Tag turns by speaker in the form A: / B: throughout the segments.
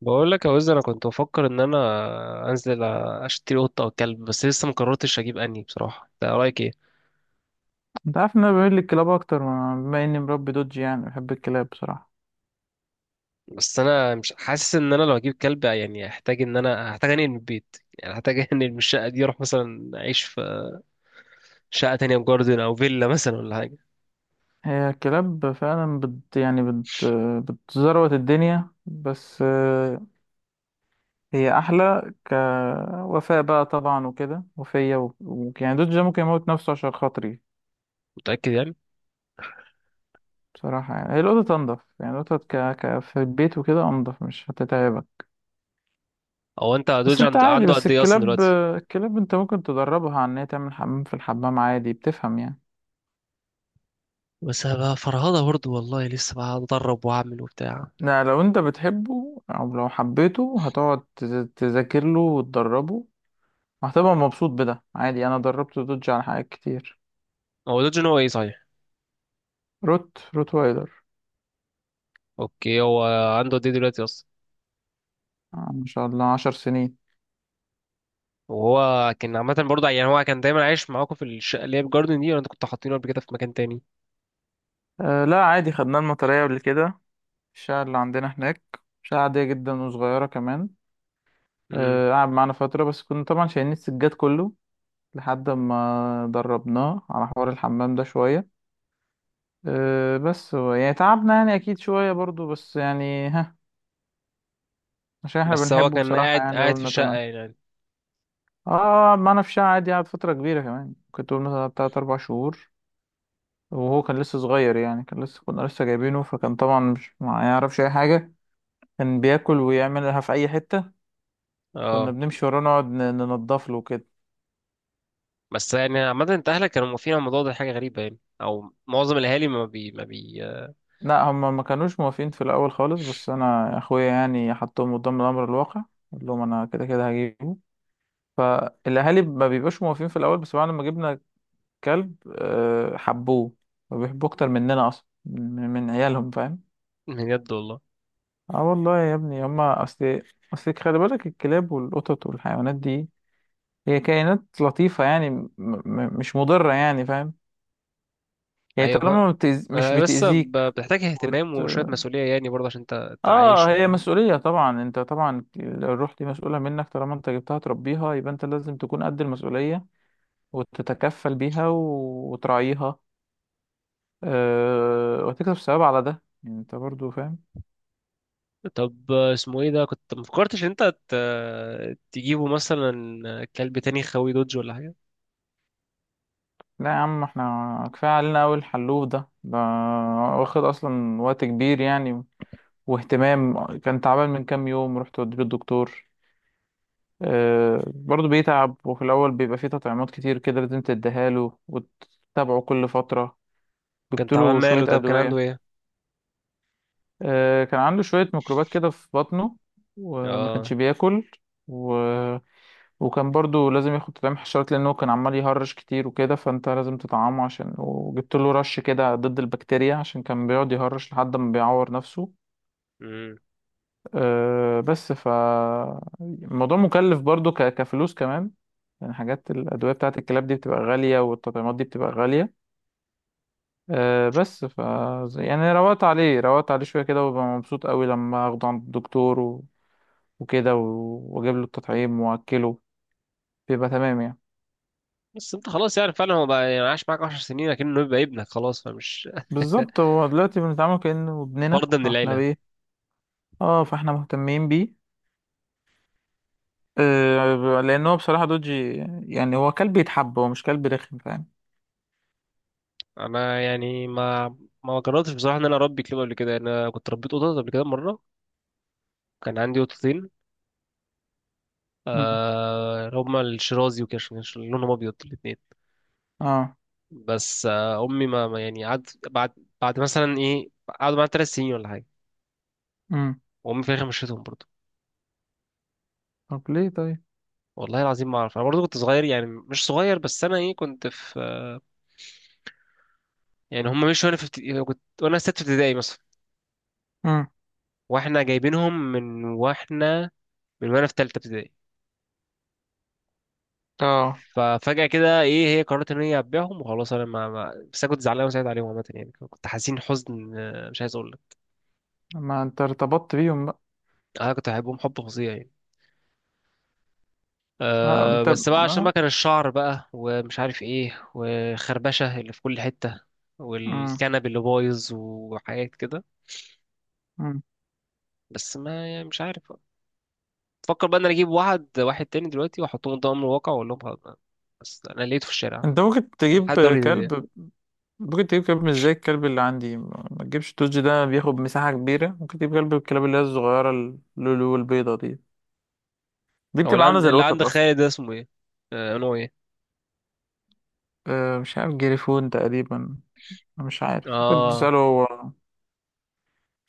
A: بقول لك يا وزر، انا كنت بفكر ان انا انزل اشتري قطه او كلب، بس لسه ما قررتش اجيب انهي بصراحه، ده رايك ايه؟
B: انت عارف ان انا بميل للكلاب اكتر بما اني مربي دوج، يعني بحب الكلاب بصراحة.
A: بس انا مش حاسس ان انا لو اجيب كلب، يعني هحتاج ان انا هحتاج انقل من البيت، يعني هحتاج انقل من الشقه دي، اروح مثلا اعيش في شقه تانية في جاردن او فيلا مثلا ولا حاجه.
B: هي الكلاب فعلا بت، يعني بتزروت الدنيا، بس هي احلى كوفاء بقى طبعا وكده، وفية يعني دوج ده ممكن يموت نفسه عشان خاطري.
A: متاكد يعني؟
B: بصراحة يعني هي القطط انضف، يعني القطط في البيت وكده انضف، مش هتتعبك.
A: او انت
B: بس
A: دوج
B: انت عادي،
A: عنده
B: بس
A: قد ايه اصلا
B: الكلاب
A: دلوقتي؟
B: الكلاب انت ممكن تدربها على ان هي تعمل حمام في الحمام، عادي بتفهم يعني.
A: بس هبقى فرهضه برضه، والله لسه بقى اتدرب واعمل وبتاع.
B: لا، لو انت بتحبه او لو حبيته هتقعد تذاكر له وتدربه، وهتبقى مبسوط بده عادي، انا دربت دوج على حاجات كتير.
A: هو دوج إن هو ايه صحيح؟
B: روت روت وايلر.
A: اوكي. هو عنده قد ايه دلوقتي اصلا؟
B: آه، ما شاء الله 10 سنين.
A: وهو كان عامة برضه، يعني هو كان دايما عايش معاكم في الشقة اللي هي بجاردن دي، ولا انتوا كنتوا حاطينه قبل كده في مكان تاني؟
B: أه لا، عادي خدناه المطرية قبل كده. الشقة اللي عندنا هناك شقة عادية جدا وصغيرة كمان.
A: امم.
B: أه، قعد معانا فترة، بس كنا طبعا شايلين السجاد كله لحد ما دربناه على حوار الحمام ده شوية. أه، بس هو يعني تعبنا، يعني أكيد شوية برضو، بس يعني ها، عشان احنا
A: بس هو
B: بنحبه
A: كان
B: بصراحة،
A: قاعد
B: يعني
A: قاعد في
B: قلنا
A: الشقة
B: تمام.
A: يعني؟
B: اه، ما انا في شقة عادي، قعد فترة كبيرة كمان، كنت قلنا مثلا تلات أربع شهور. وهو كان لسه صغير، يعني كان لسه كنا لسه جايبينه، فكان طبعا مش ما يعرفش أي حاجة، كان بياكل ويعملها في أي حتة. كنا
A: اه.
B: بنمشي وراه نقعد ننضف له كده.
A: بس يعني عامة انت اهلك كانوا موافقين على الموضوع ده؟ حاجة غريبة يعني، او معظم الاهالي ما بي ما بي
B: لا، هما ما كانوش موافقين في الأول خالص، بس أنا أخويا يعني حطهم قدام الأمر الواقع، قلت لهم أنا كده كده هجيبه. فالأهالي ما بيبقاش موافقين في الأول، بس بعد ما جبنا كلب، حبوه، وبيحبوه أكتر مننا أصلا، من عيالهم، فاهم؟
A: بجد والله؟
B: اه والله يا ابني، هما أصل، خلي بالك الكلاب والقطط والحيوانات دي، هي كائنات لطيفة، يعني مش مضرة، يعني فاهم. يعني
A: ايوه،
B: طالما ما بتأز... مش
A: بس
B: بتأذيك.
A: بتحتاج
B: وت...
A: اهتمام وشوية مسؤولية يعني برضه عشان انت
B: اه،
A: تعيش.
B: هي مسؤولية طبعا، انت طبعا الروح دي مسؤولة منك، طالما انت جبتها تربيها يبقى انت لازم تكون قد المسؤولية، وتتكفل بيها وتراعيها. وتكسب ثواب على ده، يعني انت برضو فاهم.
A: طب اسمه ايه؟ ده كنت ما فكرتش ان انت تجيبه مثلا كلب تاني خوي دوج ولا حاجة.
B: لا يا عم، احنا كفاية علينا أوي الحلوف ده، واخد أصلا وقت كبير يعني، واهتمام، كان تعبان من كام يوم، رحت وديه الدكتور. اه، برضه بيتعب، وفي الأول بيبقى فيه تطعيمات كتير كده لازم تديها له وتتابعه كل فترة،
A: كان
B: جبت
A: تعبان
B: له شوية
A: ماله؟ طب كان عنده
B: أدوية.
A: ايه؟
B: آه، كان عنده شوية ميكروبات كده في بطنه، وما كانش
A: اه.
B: بياكل. و... وكان برضو لازم ياخد تطعيم حشرات، لأنه كان عمال يهرش كتير وكده، فأنت لازم تطعمه، عشان وجبت له رش كده ضد البكتيريا، عشان كان بيقعد يهرش لحد ما بيعور نفسه.
A: مم.
B: آه، بس الموضوع مكلف برضو، كفلوس كمان، يعني حاجات الأدوية بتاعة الكلاب دي بتبقى غالية، والتطعيمات دي بتبقى غالية. أه بس يعني روقت عليه شوية كده، وببقى مبسوط قوي لما اخده عند الدكتور وكده، واجيب له التطعيم واكله، بيبقى تمام يعني.
A: بس انت خلاص يعني فعلا هو بقى، يعني عاش معاك 10 سنين لكنه يبقى ابنك خلاص، فمش...
B: بالظبط، هو دلوقتي بنتعامل كأنه ابننا،
A: فرد من
B: فاحنا
A: العيله.
B: بايه، اه، فاحنا مهتمين بيه. آه، لان هو بصراحة دوجي، يعني هو كلب يتحب، هو مش كلب رخم، فاهم.
A: انا يعني ما جربتش بصراحه ان انا اربي كلاب قبل كده، انا كنت ربيت قطط قبل كده مره. كان عندي قطتين.
B: مم.
A: آه، هما الشرازي وكاش لونهم ابيض الاثنين.
B: اه.
A: بس امي ما يعني قعدت بعد... بعد مثلا ايه، قعدوا معايا 3 سنين ولا حاجه.
B: امم.
A: وامي في الاخر مشيتهم برضه.
B: طب ليه طيب؟
A: والله العظيم ما اعرف، انا برضه كنت صغير، يعني مش صغير بس انا ايه كنت في... يعني هم مشوا وانا في ابتدائي كنت، وانا ست ابتدائي مثلا.
B: امم.
A: واحنا جايبينهم من وانا في تالتة ابتدائي.
B: اه،
A: ففجأة كده ايه هي قررت ان هي هتبيعهم وخلاص، انا بس انا كنت زعلان وسعيد عليهم عامة يعني، كنت حزين حزن، مش عايز اقول لك.
B: ما انت ارتبطت بيهم بقى.
A: انا كنت بحبهم حب فظيع يعني.
B: آه، انت.
A: بس بقى عشان
B: آه.
A: بقى كان الشعر بقى ومش عارف ايه، وخربشة اللي في كل حتة.
B: مم.
A: والكنب اللي بايظ وحاجات كده.
B: مم.
A: بس ما يعني مش عارف. بفكر بقى ان انا اجيب واحد واحد تاني دلوقتي واحطهم قدام الواقع واقول لهم خلاص بقى. بس انا لقيته في الشارع
B: انت
A: حد دوري.
B: كلب ممكن تجيب كلب مش زي الكلب اللي عندي، ما تجيبش، التوج ده بياخد مساحة كبيرة، ممكن تجيب كلب، الكلاب اللي هي الصغيرة، اللولو البيضة دي، دي
A: هو
B: بتبقى عاملة زي
A: اللي عند
B: القطط أصلا.
A: خالد ده اسمه ايه؟ نوع ايه؟
B: أه، مش عارف، جريفون تقريبا. أنا مش عارف، ممكن
A: اه.
B: تسأله هو،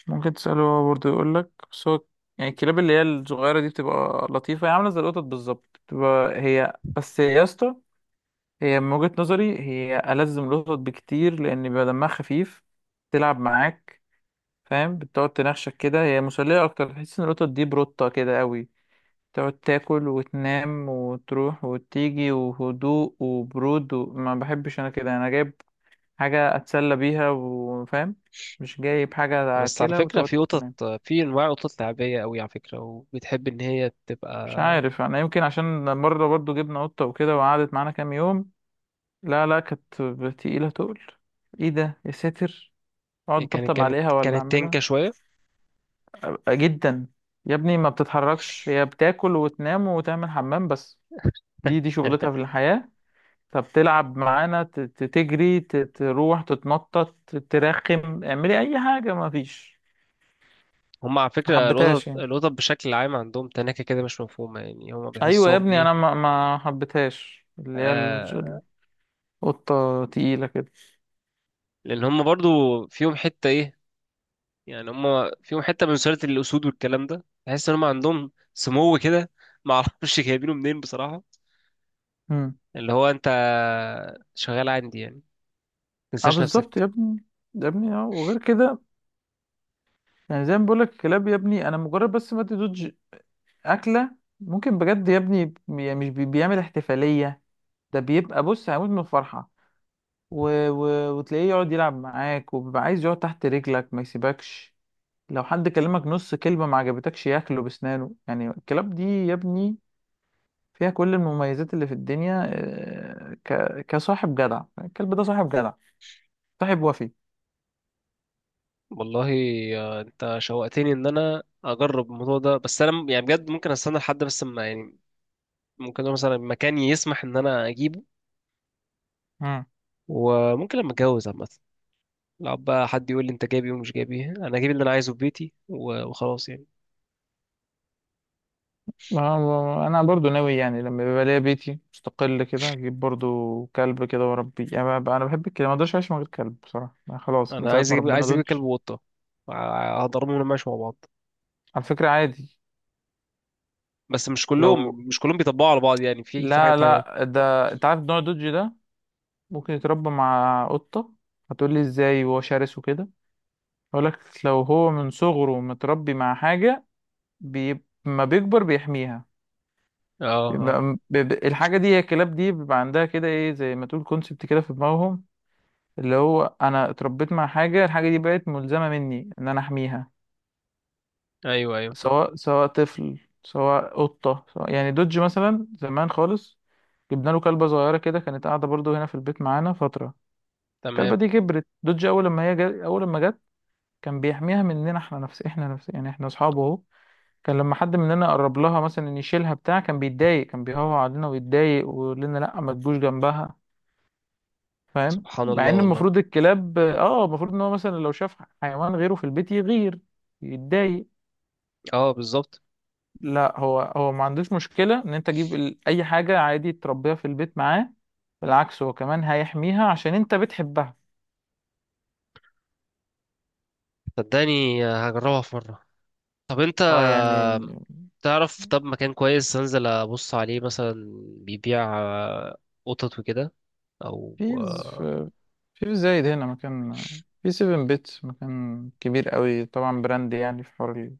B: ممكن تسأله هو برضه يقول لك، بس هو يعني الكلاب اللي هي الصغيرة دي بتبقى لطيفة، هي عاملة زي القطط بالظبط، بتبقى هي بس يا اسطى. هي من وجهة نظري هي ألزم القطط بكتير، لأن بيبقى دمها خفيف، تلعب معاك، فاهم، بتقعد تنخشك كده، هي مسلية أكتر. تحس إن القطط دي بروتة كده أوي، تقعد تاكل وتنام وتروح وتيجي، وهدوء وبرود، وما بحبش أنا كده. أنا جايب حاجة أتسلى بيها، وفاهم، مش جايب حاجة
A: بس على
B: أكلها
A: فكرة
B: وتقعد
A: في قطط،
B: تنام.
A: في انواع قطط لعبية قوي على فكرة، وبتحب ان هي
B: مش
A: تبقى...
B: عارف، أنا يمكن عشان مرة برضو جبنا قطة وكده وقعدت معانا كام يوم، لا لا، كانت تقيلة تقل، إيه ده يا ساتر، أقعد
A: يعني كانت
B: أطبطب
A: كانت
B: عليها ولا
A: كانت
B: أعملها
A: تنكة شوية.
B: جدا. يا ابني ما بتتحركش، هي بتاكل وتنام وتعمل حمام بس، دي شغلتها في الحياة. فبتلعب معانا تجري، تروح، تتنطط، ترخم، اعملي اي حاجة، ما فيش،
A: هم على
B: ما
A: فكرة القطط
B: حبيتهاش يعني.
A: القطط بشكل عام عندهم تناكة كده مش مفهومة، يعني هم
B: ايوه يا
A: بتحسهم
B: ابني،
A: ايه؟
B: انا ما حبيتهاش، اللي هي
A: آه
B: القطة تقيلة كده.
A: لان هم برضو فيهم حتة ايه، يعني هم فيهم حتة من سلالة الأسود والكلام ده، تحس ان هم عندهم سمو كده. معرفش جايبينه منين بصراحة.
B: امم.
A: اللي هو انت شغال عندي يعني،
B: اه،
A: تنساش
B: بالظبط يا
A: نفسك.
B: ابني. يا ابني، اه، وغير كده يعني، زي ما بقولك الكلاب يا ابني، انا مجرد بس ما تدوج اكلة، ممكن بجد يا ابني، بي- مش بي- بيعمل احتفالية، ده بيبقى بص هيموت من الفرحة، و... وتلاقيه يقعد يلعب معاك، وبيبقى عايز يقعد تحت رجلك، ما يسيبكش. لو حد كلمك نص كلمة ما عجبتكش، ياكله بسنانه، يعني الكلاب دي يا ابني فيها كل المميزات اللي في الدنيا. آه، كصاحب جدع، الكلب ده صاحب جدع، صاحب وفي.
A: والله. انت شوقتني ان انا اجرب الموضوع ده، بس انا يعني بجد ممكن استنى لحد بس ما يعني، ممكن أقول مثلا مكان يسمح ان انا اجيبه.
B: مم.
A: وممكن لما اتجوز عامه، لو بقى حد يقول لي انت جايب ايه ومش جايب ايه، انا جايب اللي انا عايزه في بيتي و- وخلاص يعني.
B: انا برضو ناوي، يعني لما بيبقى ليا بيتي مستقل كده اجيب برضو كلب كده واربيه، يعني بقى انا بحب الكلاب، ما اقدرش اعيش من غير كلب بصراحة، أنا خلاص من
A: انا
B: ساعة
A: عايز
B: ما
A: اجيب
B: ربنا
A: عايز اجيب
B: دودج.
A: كلب وقطه. هضربهم لما ماشي مع بعض.
B: على فكرة عادي.
A: بس مش
B: لو...
A: كلهم مش كلهم بيطبقوا على بعض، يعني في
B: لا
A: حاجات حاجات.
B: لا، ده انت عارف نوع دوجي ده، ممكن يتربى مع قطة، هتقولي ازاي وهو شرس وكده، اقولك، لو هو من صغره متربي مع حاجة، ما بيكبر بيحميها،
A: اه.
B: بيبقى
A: اه.
B: الحاجة دي، هي الكلاب دي بيبقى عندها كده ايه، زي ما تقول كونسبت كده في دماغهم، اللي هو انا اتربيت مع حاجة، الحاجة دي بقت ملزمة مني ان انا احميها،
A: ايوه، ايوه.
B: سواء طفل، سواء قطة، يعني دوج مثلا زمان خالص، جبنا له كلبة صغيرة كده، كانت قاعدة برضو هنا في البيت معانا فترة. الكلبة
A: تمام.
B: دي كبرت، دوج أول لما جت، كان بيحميها مننا، احنا نفس، يعني احنا أصحابه أهو. كان لما حد مننا قرب لها مثلا ان يشيلها بتاع، كان بيتضايق، كان بيهوى علينا ويتضايق، ويقول لنا لأ، ما تجوش جنبها، فاهم،
A: سبحان الله
B: مع إن
A: والله.
B: المفروض الكلاب المفروض إن هو مثلا لو شاف حيوان غيره في البيت، يغير، يتضايق.
A: اه، بالظبط.
B: لا، هو هو ما عندوش مشكلة إن أنت تجيب أي حاجة، عادي تربيها في البيت معاه، بالعكس هو كمان هيحميها عشان أنت بتحبها.
A: صدقني، هجربها في مره. طب انت
B: اه يعني،
A: تعرف طب مكان كويس انزل ابص عليه مثلا بيبيع قطط وكده، او
B: في في في زايد هنا مكان، في سيفن بيتس، مكان كبير قوي طبعا، براند، يعني في حوار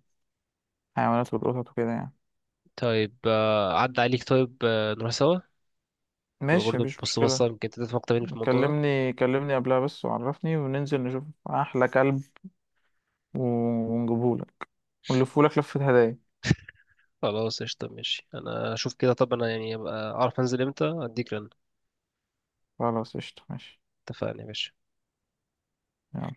B: الحيوانات والقطط وكده يعني.
A: طيب عدى عليك، طيب نروح سوا؟ تبقى
B: ماشي،
A: برضه
B: مفيش
A: بص بصة،
B: مشكلة،
A: يمكن انت تفهم اكتر مني في الموضوع ده.
B: كلمني كلمني قبلها بس وعرفني، وننزل نشوف أحلى كلب ونجيبهولك، ونلفهولك لفة هدايا.
A: خلاص قشطة ماشي، انا اشوف كده. طب انا يعني ابقى اعرف انزل امتى، اديك رن.
B: خلاص قشطة ماشي
A: اتفقنا يا باشا.
B: يلا.